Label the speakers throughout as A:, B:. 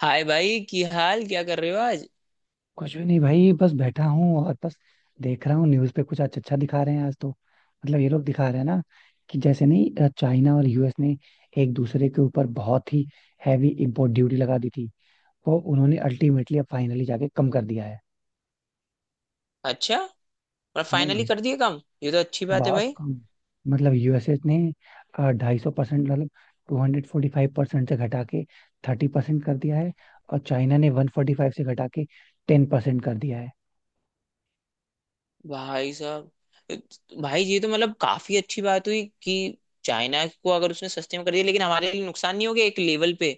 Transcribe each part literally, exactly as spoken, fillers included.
A: हाय भाई की हाल क्या कर रहे हो आज।
B: कुछ भी नहीं भाई, बस बैठा हूँ। और बस देख रहा हूँ न्यूज़ पे कुछ अच्छा अच्छा दिखा रहे हैं आज। तो मतलब ये लोग दिखा रहे हैं ना कि जैसे नहीं अ, चाइना और यूएस ने एक दूसरे के ऊपर बहुत ही हैवी इम्पोर्ट ड्यूटी लगा दी थी। वो उन्होंने अल्टीमेटली अब फाइनली जाके कम कर दिया है।
A: अच्छा, मतलब
B: हाँ,
A: फाइनली कर दिए काम, ये तो अच्छी बात है
B: बहुत
A: भाई।
B: कम। मतलब यूएसए ने ढाई सौ परसेंट, मतलब two hundred forty five percent से घटा के थर्टी परसेंट कर दिया है। और चाइना ने वन फोर्टी फाइव से घटा के टेन परसेंट कर दिया है।
A: भाई साहब, भाई ये तो मतलब काफी अच्छी बात हुई कि चाइना को अगर उसने सस्ते में कर दिया, लेकिन हमारे लिए नुकसान नहीं हो गया एक लेवल पे?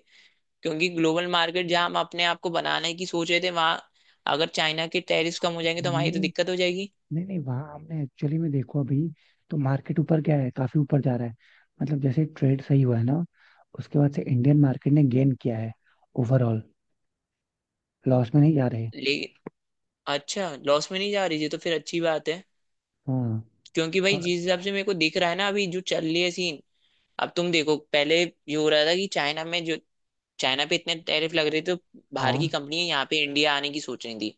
A: क्योंकि ग्लोबल मार्केट जहां हम अपने आप को बनाने की सोच रहे थे, वहां अगर चाइना के टैरिफ कम हो जाएंगे तो हमारी
B: हमने,
A: तो दिक्कत हो जाएगी।
B: नहीं नहीं, वहाँ आपने एक्चुअली में देखो, अभी तो मार्केट ऊपर क्या है, काफी ऊपर जा रहा है। मतलब जैसे ट्रेड सही हुआ है ना, उसके बाद से इंडियन मार्केट ने गेन किया है, ओवरऑल लॉस में नहीं जा रहे।
A: लेकिन अच्छा, लॉस में नहीं जा रही, ये तो फिर अच्छी बात है।
B: हाँ।
A: क्योंकि भाई
B: और
A: जिस हिसाब से मेरे को दिख रहा है ना अभी जो चल रही है सीन। अब तुम देखो, पहले ये हो रहा था कि चाइना में जो चाइना पे इतने टैरिफ लग रहे थे, तो बाहर की
B: हाँ,
A: कंपनी यहाँ पे इंडिया आने की सोच रही थी।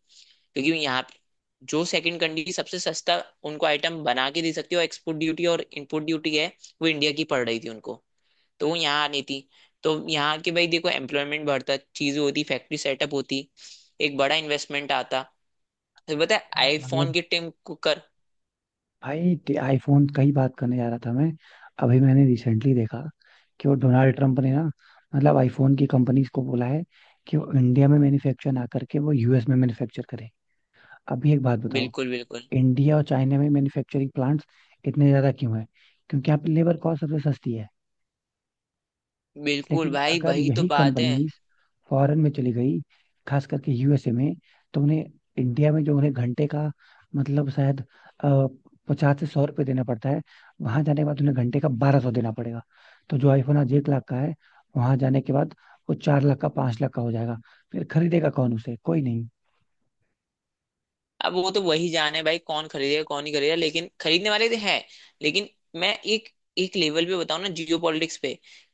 A: क्योंकि यहाँ पे- जो सेकंड कंट्री सबसे सस्ता उनको आइटम बना के दे सकती है, और एक्सपोर्ट ड्यूटी और इंपोर्ट ड्यूटी है वो इंडिया की पड़ रही थी उनको, तो वो यहाँ आनी थी। तो यहाँ के भाई देखो एम्प्लॉयमेंट बढ़ता, चीजें होती, फैक्ट्री सेटअप होती, एक बड़ा इन्वेस्टमेंट आता। तो बताए
B: मैं
A: आईफोन
B: मतलब
A: के टीम को कर।
B: भाई आईफोन का ही बात करने जा रहा था मैं। अभी मैंने रिसेंटली देखा कि वो डोनाल्ड ट्रंप ने ना, मतलब आईफोन की कंपनीज को बोला है कि वो इंडिया में मैन्युफैक्चर ना करके वो यूएस में मैन्युफैक्चर करे। अभी एक बात बताओ,
A: बिल्कुल, बिल्कुल।
B: इंडिया और चाइना में मैन्युफैक्चरिंग प्लांट्स इतने ज्यादा क्यों हैं? क्योंकि यहाँ पे लेबर कॉस्ट सबसे सस्ती है।
A: बिल्कुल
B: लेकिन
A: भाई,
B: अगर
A: वही तो
B: यही
A: बात है।
B: कंपनीज फॉरेन में चली गई, खास करके यूएसए में, तो उन्हें, इंडिया में जो उन्हें घंटे का, मतलब शायद, पचास से सौ रुपये देना पड़ता है, वहां जाने के बाद उन्हें घंटे का बारह सौ देना पड़ेगा। तो जो आईफोन आज एक लाख का है, वहां जाने के बाद वो चार लाख का, पांच लाख का हो जाएगा। फिर खरीदेगा कौन उसे? कोई नहीं।
A: अब वो तो वही जाने भाई कौन खरीदेगा कौन नहीं खरीदेगा, लेकिन खरीदने वाले तो हैं। लेकिन मैं एक एक लेवल पे बताऊं ना जियो पॉलिटिक्स पे,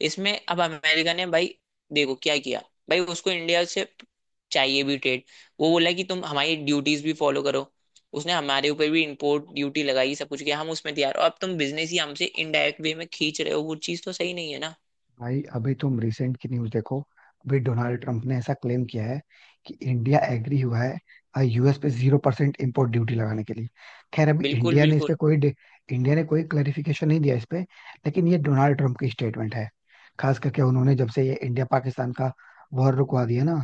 A: इसमें अब अमेरिका ने भाई देखो क्या किया। भाई उसको इंडिया से चाहिए भी ट्रेड। वो बोला कि तुम हमारी ड्यूटीज भी फॉलो करो। उसने हमारे ऊपर भी इंपोर्ट ड्यूटी लगाई, सब कुछ किया, हम उसमें तैयार, और अब तुम बिजनेस ही हमसे इनडायरेक्ट वे में खींच रहे हो, वो चीज तो सही नहीं है ना।
B: भाई अभी तुम रिसेंट की न्यूज देखो, अभी डोनाल्ड ट्रम्प ने ऐसा क्लेम किया है कि इंडिया एग्री हुआ है यूएस पे जीरो परसेंट इम्पोर्ट ड्यूटी लगाने के लिए। खैर, अभी
A: बिल्कुल,
B: इंडिया ने इस पे
A: बिल्कुल।
B: कोई डे- इंडिया ने कोई क्लेरिफिकेशन नहीं दिया इस पे। लेकिन ये डोनाल्ड ट्रम्प की स्टेटमेंट है। खास करके उन्होंने, जब से ये इंडिया पाकिस्तान का वॉर रुकवा दिया ना,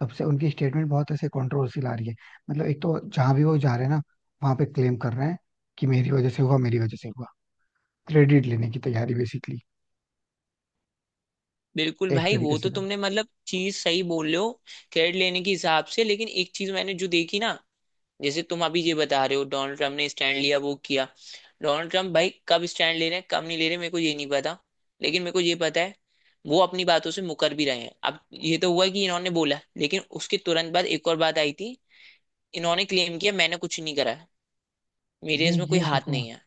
B: तब से उनकी स्टेटमेंट बहुत ऐसे कंट्रोवर्सी ला रही है। मतलब एक तो जहां भी वो जा रहे हैं ना, वहां पे क्लेम कर रहे हैं कि मेरी वजह से हुआ, मेरी वजह से हुआ। क्रेडिट लेने की तैयारी बेसिकली,
A: बिल्कुल
B: एक
A: भाई,
B: तरीके
A: वो तो
B: से कर।
A: तुमने मतलब चीज सही बोल रहे हो। क्रेडिट लेने के हिसाब से, लेकिन एक चीज मैंने जो देखी ना, जैसे तुम अभी ये बता रहे हो डोनाल्ड ट्रम्प ने स्टैंड लिया वो किया। डोनाल्ड ट्रम्प भाई कब स्टैंड ले रहे हैं कब नहीं ले रहे मेरे को ये नहीं पता। लेकिन मेरे को ये पता है, वो अपनी बातों से मुकर भी रहे हैं। अब ये तो हुआ कि इन्होंने बोला, लेकिन उसके तुरंत बाद एक और बात आई थी। इन्होंने क्लेम किया मैंने कुछ नहीं करा है, मेरे इसमें
B: ये
A: कोई हाथ
B: कौन?
A: नहीं है।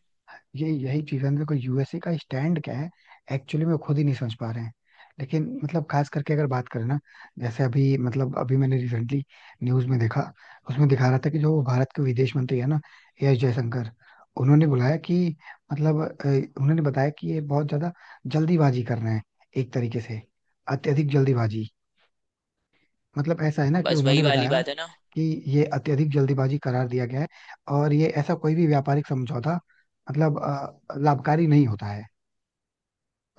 B: हैं एक्टर हैं लेकिन ना, जैसे कि न्यूज का उसमें दिया ना, ए अजगर उन्होंने ही, मतलब ज्यादा जल्द में एक तरीके से, अत्यधिक, मतलब कि
A: बस
B: उन्होंने
A: वही वाली
B: बताया
A: बात है ना।
B: कि ये अत्यधिक जल्दीबाजी करार दिया गया है, और ये ऐसा कोई भी व्यापारिक समझौता, मतलब अ, लाभकारी नहीं होता है।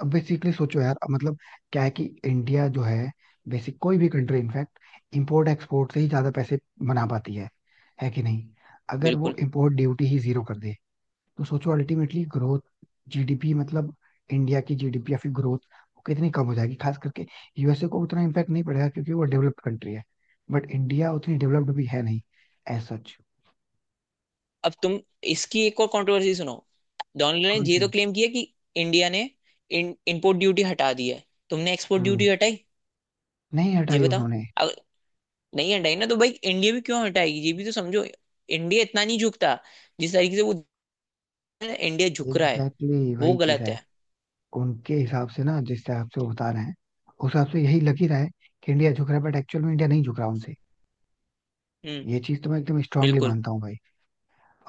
B: अब बेसिकली सोचो यार, अब मतलब क्या है कि इंडिया जो है, बेसिक कोई भी कंट्री इनफैक्ट इंपोर्ट एक्सपोर्ट से ही ज्यादा पैसे बना पाती है है कि नहीं? अगर वो
A: बिल्कुल।
B: इंपोर्ट ड्यूटी ही जीरो कर दे, तो सोचो अल्टीमेटली ग्रोथ, जीडीपी, मतलब इंडिया की जीडीपी या फिर ग्रोथ, वो कितनी कम हो जाएगी। खास करके यूएसए को उतना इम्पैक्ट नहीं पड़ेगा क्योंकि वो डेवलप्ड कंट्री है, बट इंडिया उतनी डेवलप्ड भी है नहीं, एज सच।
A: अब तुम इसकी एक और कंट्रोवर्सी सुनो। डोनाल्ड ने
B: कौन
A: ये
B: सी?
A: तो क्लेम किया कि इंडिया ने इन, इंपोर्ट ड्यूटी हटा दी है। तुमने एक्सपोर्ट
B: हम्म,
A: ड्यूटी हटाई?
B: नहीं
A: ये
B: हटाई
A: बताओ।
B: उन्होंने।
A: नहीं हटाई ना, तो भाई इंडिया भी क्यों हटाएगी? ये भी तो समझो, इंडिया इतना नहीं झुकता जिस तरीके से वो इंडिया झुक रहा है।
B: एग्जैक्टली exactly,
A: वो
B: वही चीज
A: गलत
B: है।
A: है।
B: उनके हिसाब से ना, जिस हिसाब से वो बता रहे हैं, उस हिसाब से यही लग ही रहा है कि इंडिया झुक रहा है, बट एक्चुअल में इंडिया नहीं झुक रहा उनसे।
A: हम्म।
B: ये चीज तो मैं एकदम स्ट्रांगली
A: बिल्कुल,
B: मानता हूँ भाई।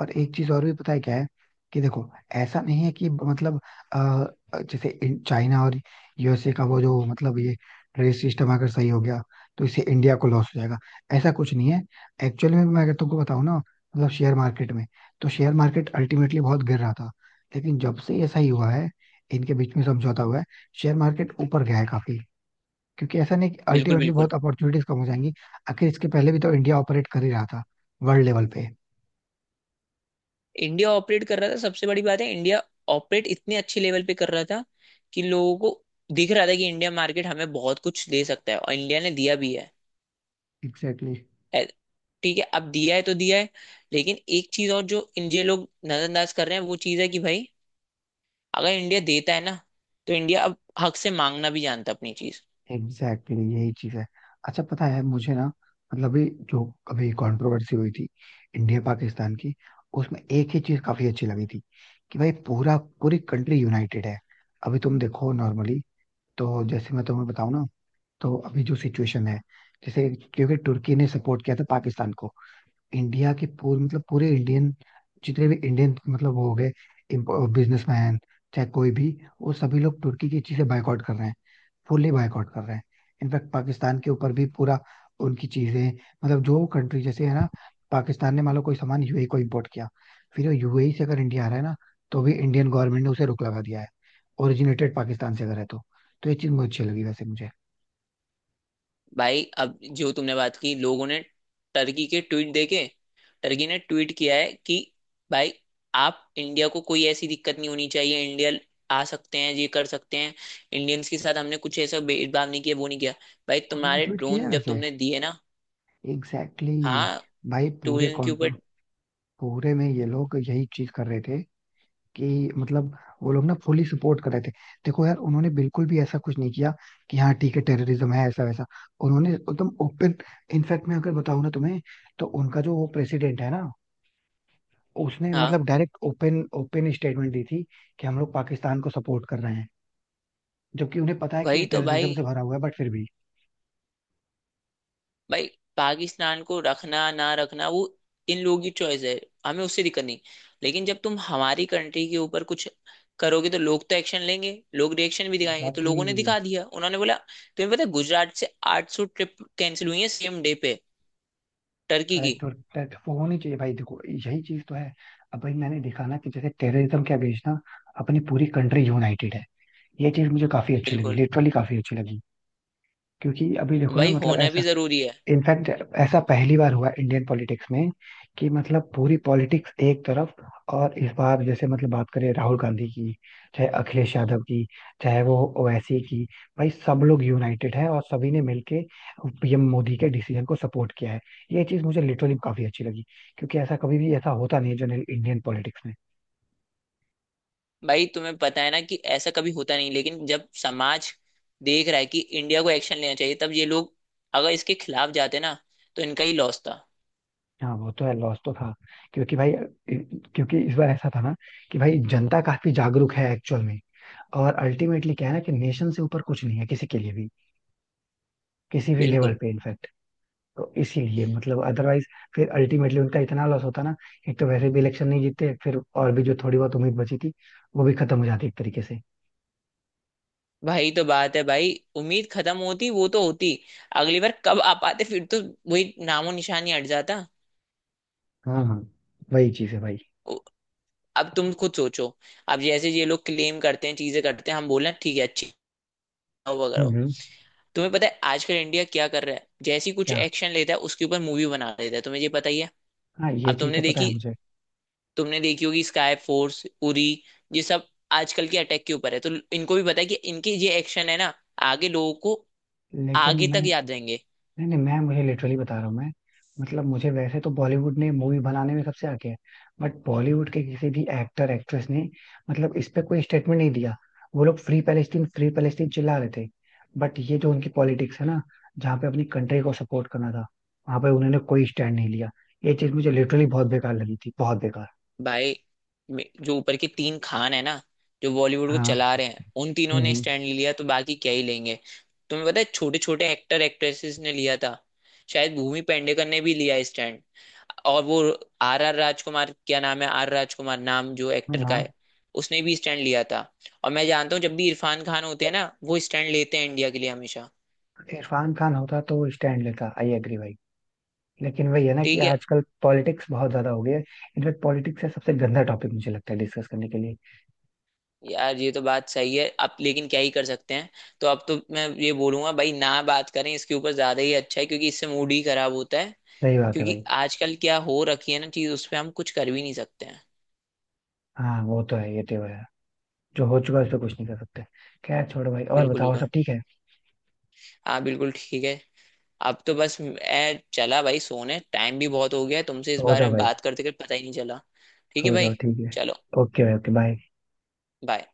B: और एक चीज और भी पता है क्या है? कि देखो, ऐसा नहीं है कि मतलब अ, जैसे इन- चाइना और यूएसए का वो जो, मतलब ये ट्रेड सिस्टम अगर सही हो गया तो इससे इंडिया को लॉस हो जाएगा, ऐसा कुछ नहीं है। एक्चुअली में मैं अगर तुमको बताऊं ना, मतलब शेयर मार्केट में, तो शेयर मार्केट अल्टीमेटली बहुत गिर रहा था। लेकिन जब से ऐसा ही हुआ है, इनके बीच में समझौता हुआ है, शेयर मार्केट ऊपर गया है काफी। क्योंकि ऐसा नहीं कि
A: बिल्कुल।
B: अल्टीमेटली
A: बिल्कुल,
B: बहुत अपॉर्चुनिटीज कम हो जाएंगी। आखिर इसके पहले भी तो इंडिया ऑपरेट कर ही रहा था वर्ल्ड लेवल पे।
A: इंडिया ऑपरेट कर रहा था, सबसे बड़ी बात है। इंडिया ऑपरेट इतने अच्छे लेवल पे कर रहा था कि लोगों को दिख रहा था कि इंडिया मार्केट हमें बहुत कुछ दे सकता है, और इंडिया ने दिया भी है।
B: एग्जैक्टली।
A: ए- ठीक है, अब दिया है तो दिया है। लेकिन एक चीज और जो इन ये लोग नजरअंदाज कर रहे हैं, वो चीज है कि भाई अगर इंडिया देता है ना, तो इंडिया अब हक से मांगना भी जानता है अपनी चीज।
B: एग्जैक्टली exactly, यही चीज है। अच्छा, पता है मुझे ना, मतलब ये जो अभी कंट्रोवर्सी हुई थी इंडिया पाकिस्तान की, उसमें एक ही चीज काफी अच्छी लगी थी कि भाई पूरा पूरी कंट्री यूनाइटेड है। अभी तुम देखो नॉर्मली, तो जैसे मैं तुम्हें बताऊं ना, तो अभी जो सिचुएशन है, जैसे क्योंकि तुर्की ने सपोर्ट किया था पाकिस्तान को, इंडिया के पूरे, मतलब पूरे इंडियन, जितने भी इंडियन मतलब वो हो गए, बिजनेसमैन, चाहे कोई भी, वो सभी लोग तुर्की की चीजें बायकॉट कर रहे हैं, फुल्ली बायकॉट कर रहे हैं। इनफैक्ट पाकिस्तान के ऊपर भी पूरा उनकी चीजें, मतलब जो कंट्री जैसे है ना, पाकिस्तान ने मान लो कोई सामान यूएई को इम्पोर्ट किया, फिर वो यूएई से अगर इंडिया आ रहा है ना, तो भी इंडियन गवर्नमेंट ने उसे रोक लगा दिया है, ओरिजिनेटेड पाकिस्तान से अगर है तो। तो ये चीज बहुत अच्छी लगी वैसे मुझे।
A: भाई अब जो तुमने बात की, लोगों ने टर्की के ट्वीट देखे। टर्की ने ट्वीट किया है कि भाई आप, इंडिया को कोई ऐसी दिक्कत नहीं होनी चाहिए, इंडिया आ सकते हैं, ये कर सकते हैं, इंडियंस के साथ हमने कुछ ऐसा भेदभाव नहीं किया, वो नहीं किया। भाई
B: उन्होंने
A: तुम्हारे
B: ट्वीट किया है
A: ड्रोन जब
B: वैसे।
A: तुमने दिए ना।
B: Exactly exactly।
A: हाँ।
B: भाई पूरे
A: टूरिज्म के
B: कॉन्ट्रो,
A: ऊपर।
B: पूरे में ये लोग यही चीज कर रहे थे कि मतलब वो लोग ना फुली सपोर्ट कर रहे थे। देखो यार, उन्होंने बिल्कुल भी ऐसा कुछ नहीं किया कि हाँ ठीक है, टेररिज्म है ऐसा वैसा। उन्होंने एकदम ओपन, इनफैक्ट मैं अगर बताऊं ना तुम्हें, तो उनका जो वो प्रेसिडेंट है ना, उसने
A: हाँ,
B: मतलब डायरेक्ट ओपन ओपन स्टेटमेंट दी थी कि हम लोग पाकिस्तान को सपोर्ट कर रहे हैं, जबकि उन्हें पता है कि ये
A: वही तो
B: टेररिज्म
A: भाई।
B: से भरा हुआ है, बट फिर भी।
A: भाई पाकिस्तान को रखना ना रखना, वो इन लोगों की चॉइस है, हमें उससे दिक्कत नहीं। लेकिन जब तुम हमारी कंट्री के ऊपर कुछ करोगे, तो लोग तो एक्शन लेंगे, लोग रिएक्शन भी दिखाएंगे। तो
B: एग्जैक्टली।
A: लोगों ने दिखा दिया, उन्होंने बोला। तुम्हें पता है गुजरात से आठ सौ ट्रिप कैंसिल हुई है सेम डे पे, टर्की
B: अरे
A: की।
B: तो tet- वो होनी चाहिए भाई। देखो, यही चीज तो है। अब भाई मैंने देखा ना कि जैसे टेररिज्म के अगेंस्ट ना, अपनी पूरी कंट्री यूनाइटेड है। ये चीज मुझे काफी अच्छी लगी,
A: बिल्कुल।
B: लिटरली काफी अच्छी लगी। क्योंकि अभी देखो ना,
A: भाई
B: मतलब
A: होना
B: ऐसा
A: भी जरूरी है।
B: इनफैक्ट ऐसा पहली बार हुआ इंडियन पॉलिटिक्स में कि मतलब पूरी पॉलिटिक्स एक तरफ। और इस बार जैसे मतलब बात करें राहुल गांधी की, चाहे अखिलेश यादव की, चाहे वो ओवैसी की, भाई सब लोग यूनाइटेड है और सभी ने मिलके पीएम मोदी के डिसीजन को सपोर्ट किया है। ये चीज मुझे लिटरली काफी अच्छी लगी, क्योंकि ऐसा कभी भी ऐसा होता नहीं है जनरल इंडियन पॉलिटिक्स में।
A: भाई तुम्हें पता है ना कि ऐसा कभी होता नहीं, लेकिन जब समाज देख रहा है कि इंडिया को एक्शन लेना चाहिए, तब ये लोग अगर इसके खिलाफ जाते ना, तो इनका ही लॉस था।
B: हाँ, वो तो है, लॉस तो था। क्योंकि भाई, क्योंकि इस बार ऐसा था ना कि भाई, जनता काफी जागरूक है एक्चुअल में। और अल्टीमेटली क्या है ना, कि नेशन से ऊपर कुछ नहीं है किसी के लिए भी, किसी भी लेवल
A: बिल्कुल।
B: पे, इनफैक्ट। तो इसीलिए मतलब, अदरवाइज फिर अल्टीमेटली उनका इतना लॉस होता ना, एक तो वैसे भी इलेक्शन नहीं जीतते, फिर और भी जो थोड़ी बहुत उम्मीद बची थी, वो भी खत्म हो जाती एक तरीके से।
A: भाई तो बात है भाई, उम्मीद खत्म होती वो तो होती, अगली बार कब आ पाते फिर? तो वही नामो निशानी हट जाता।
B: हाँ हाँ, वही चीज है भाई।
A: उ- अब तुम खुद सोचो, अब जैसे ये लोग क्लेम करते हैं चीजें करते हैं, हम बोले ठीक है अच्छी हो वगैरह
B: हम्म
A: हो।
B: हम्म,
A: तुम्हें पता है आजकल इंडिया क्या कर रहा है? जैसी कुछ
B: क्या?
A: एक्शन लेता है उसके ऊपर मूवी बना देता है, तुम्हें ये पता ही है।
B: हाँ, ये
A: अब
B: चीज
A: तुमने
B: तो पता है
A: देखी,
B: मुझे।
A: तुमने देखी होगी, स्काई फोर्स, उरी, ये सब आजकल के अटैक के ऊपर है, तो इनको भी पता है कि इनके ये एक्शन है ना, आगे लोगों को
B: लेकिन
A: आगे
B: मैं
A: तक याद रहेंगे।
B: नहीं नहीं, मैं मुझे लिटरली बता रहा हूँ मैं। मतलब मुझे, वैसे तो बॉलीवुड ने मूवी बनाने में सबसे आगे है, बट बॉलीवुड के किसी भी एक्टर एक्ट्रेस ने मतलब इस पे कोई स्टेटमेंट नहीं दिया। वो लोग फ्री पैलेस्टीन फ्री पैलेस्टीन चिल्ला रहे थे, बट ये जो उनकी पॉलिटिक्स है ना, जहाँ पे अपनी कंट्री को सपोर्ट करना था, वहां पे उन्होंने कोई स्टैंड नहीं लिया। ये चीज मुझे लिटरली बहुत बेकार लगी थी, बहुत बेकार।
A: भाई मे- जो ऊपर के तीन खान है ना, जो बॉलीवुड को
B: हाँ।
A: चला रहे हैं, उन तीनों ने
B: हम्म
A: स्टैंड लिया, तो बाकी क्या ही लेंगे। तुम्हें पता है छोटे छोटे एक्टर एक्ट्रेसेस ने लिया था, शायद भूमि पेडनेकर ने भी लिया स्टैंड, और वो आर आर राजकुमार, क्या नाम है, आर राजकुमार नाम जो
B: हम्म,
A: एक्टर का
B: हाँ।
A: है, उसने भी स्टैंड लिया था। और मैं जानता हूँ जब भी इरफान खान होते हैं ना, वो स्टैंड लेते हैं इंडिया के लिए हमेशा।
B: इरफान खान होता तो स्टैंड लेता, आई एग्री भाई। लेकिन वही है ना कि
A: ठीक है
B: आजकल पॉलिटिक्स बहुत ज्यादा हो गई है। इनफैक्ट पॉलिटिक्स है सबसे गंदा टॉपिक, मुझे लगता है, डिस्कस करने के लिए।
A: यार, ये तो बात सही है अब, लेकिन क्या ही कर सकते हैं। तो अब तो मैं ये बोलूंगा भाई ना बात करें इसके ऊपर ज्यादा ही अच्छा है, क्योंकि इससे मूड ही खराब होता है।
B: सही बात है
A: क्योंकि
B: भाई।
A: आजकल क्या हो रखी है ना चीज, उस पर हम कुछ कर भी नहीं सकते हैं।
B: हाँ वो तो है, ये तो है। जो हो चुका है उस पर कुछ नहीं कर सकते। खैर, छोड़ो भाई, और
A: बिल्कुल,
B: बताओ
A: बिल्कुल।
B: सब ठीक है?
A: हाँ बिल्कुल ठीक है। अब तो बस मैं चला भाई, सोने टाइम भी बहुत हो गया है, तुमसे इस
B: सो
A: बारे
B: जाओ
A: में
B: भाई।
A: बात करते करते पता ही नहीं चला। ठीक है
B: सो
A: भाई।
B: जाओ, ठीक है।
A: चलो।
B: ओके भाई, ओके, बाय।
A: बाय।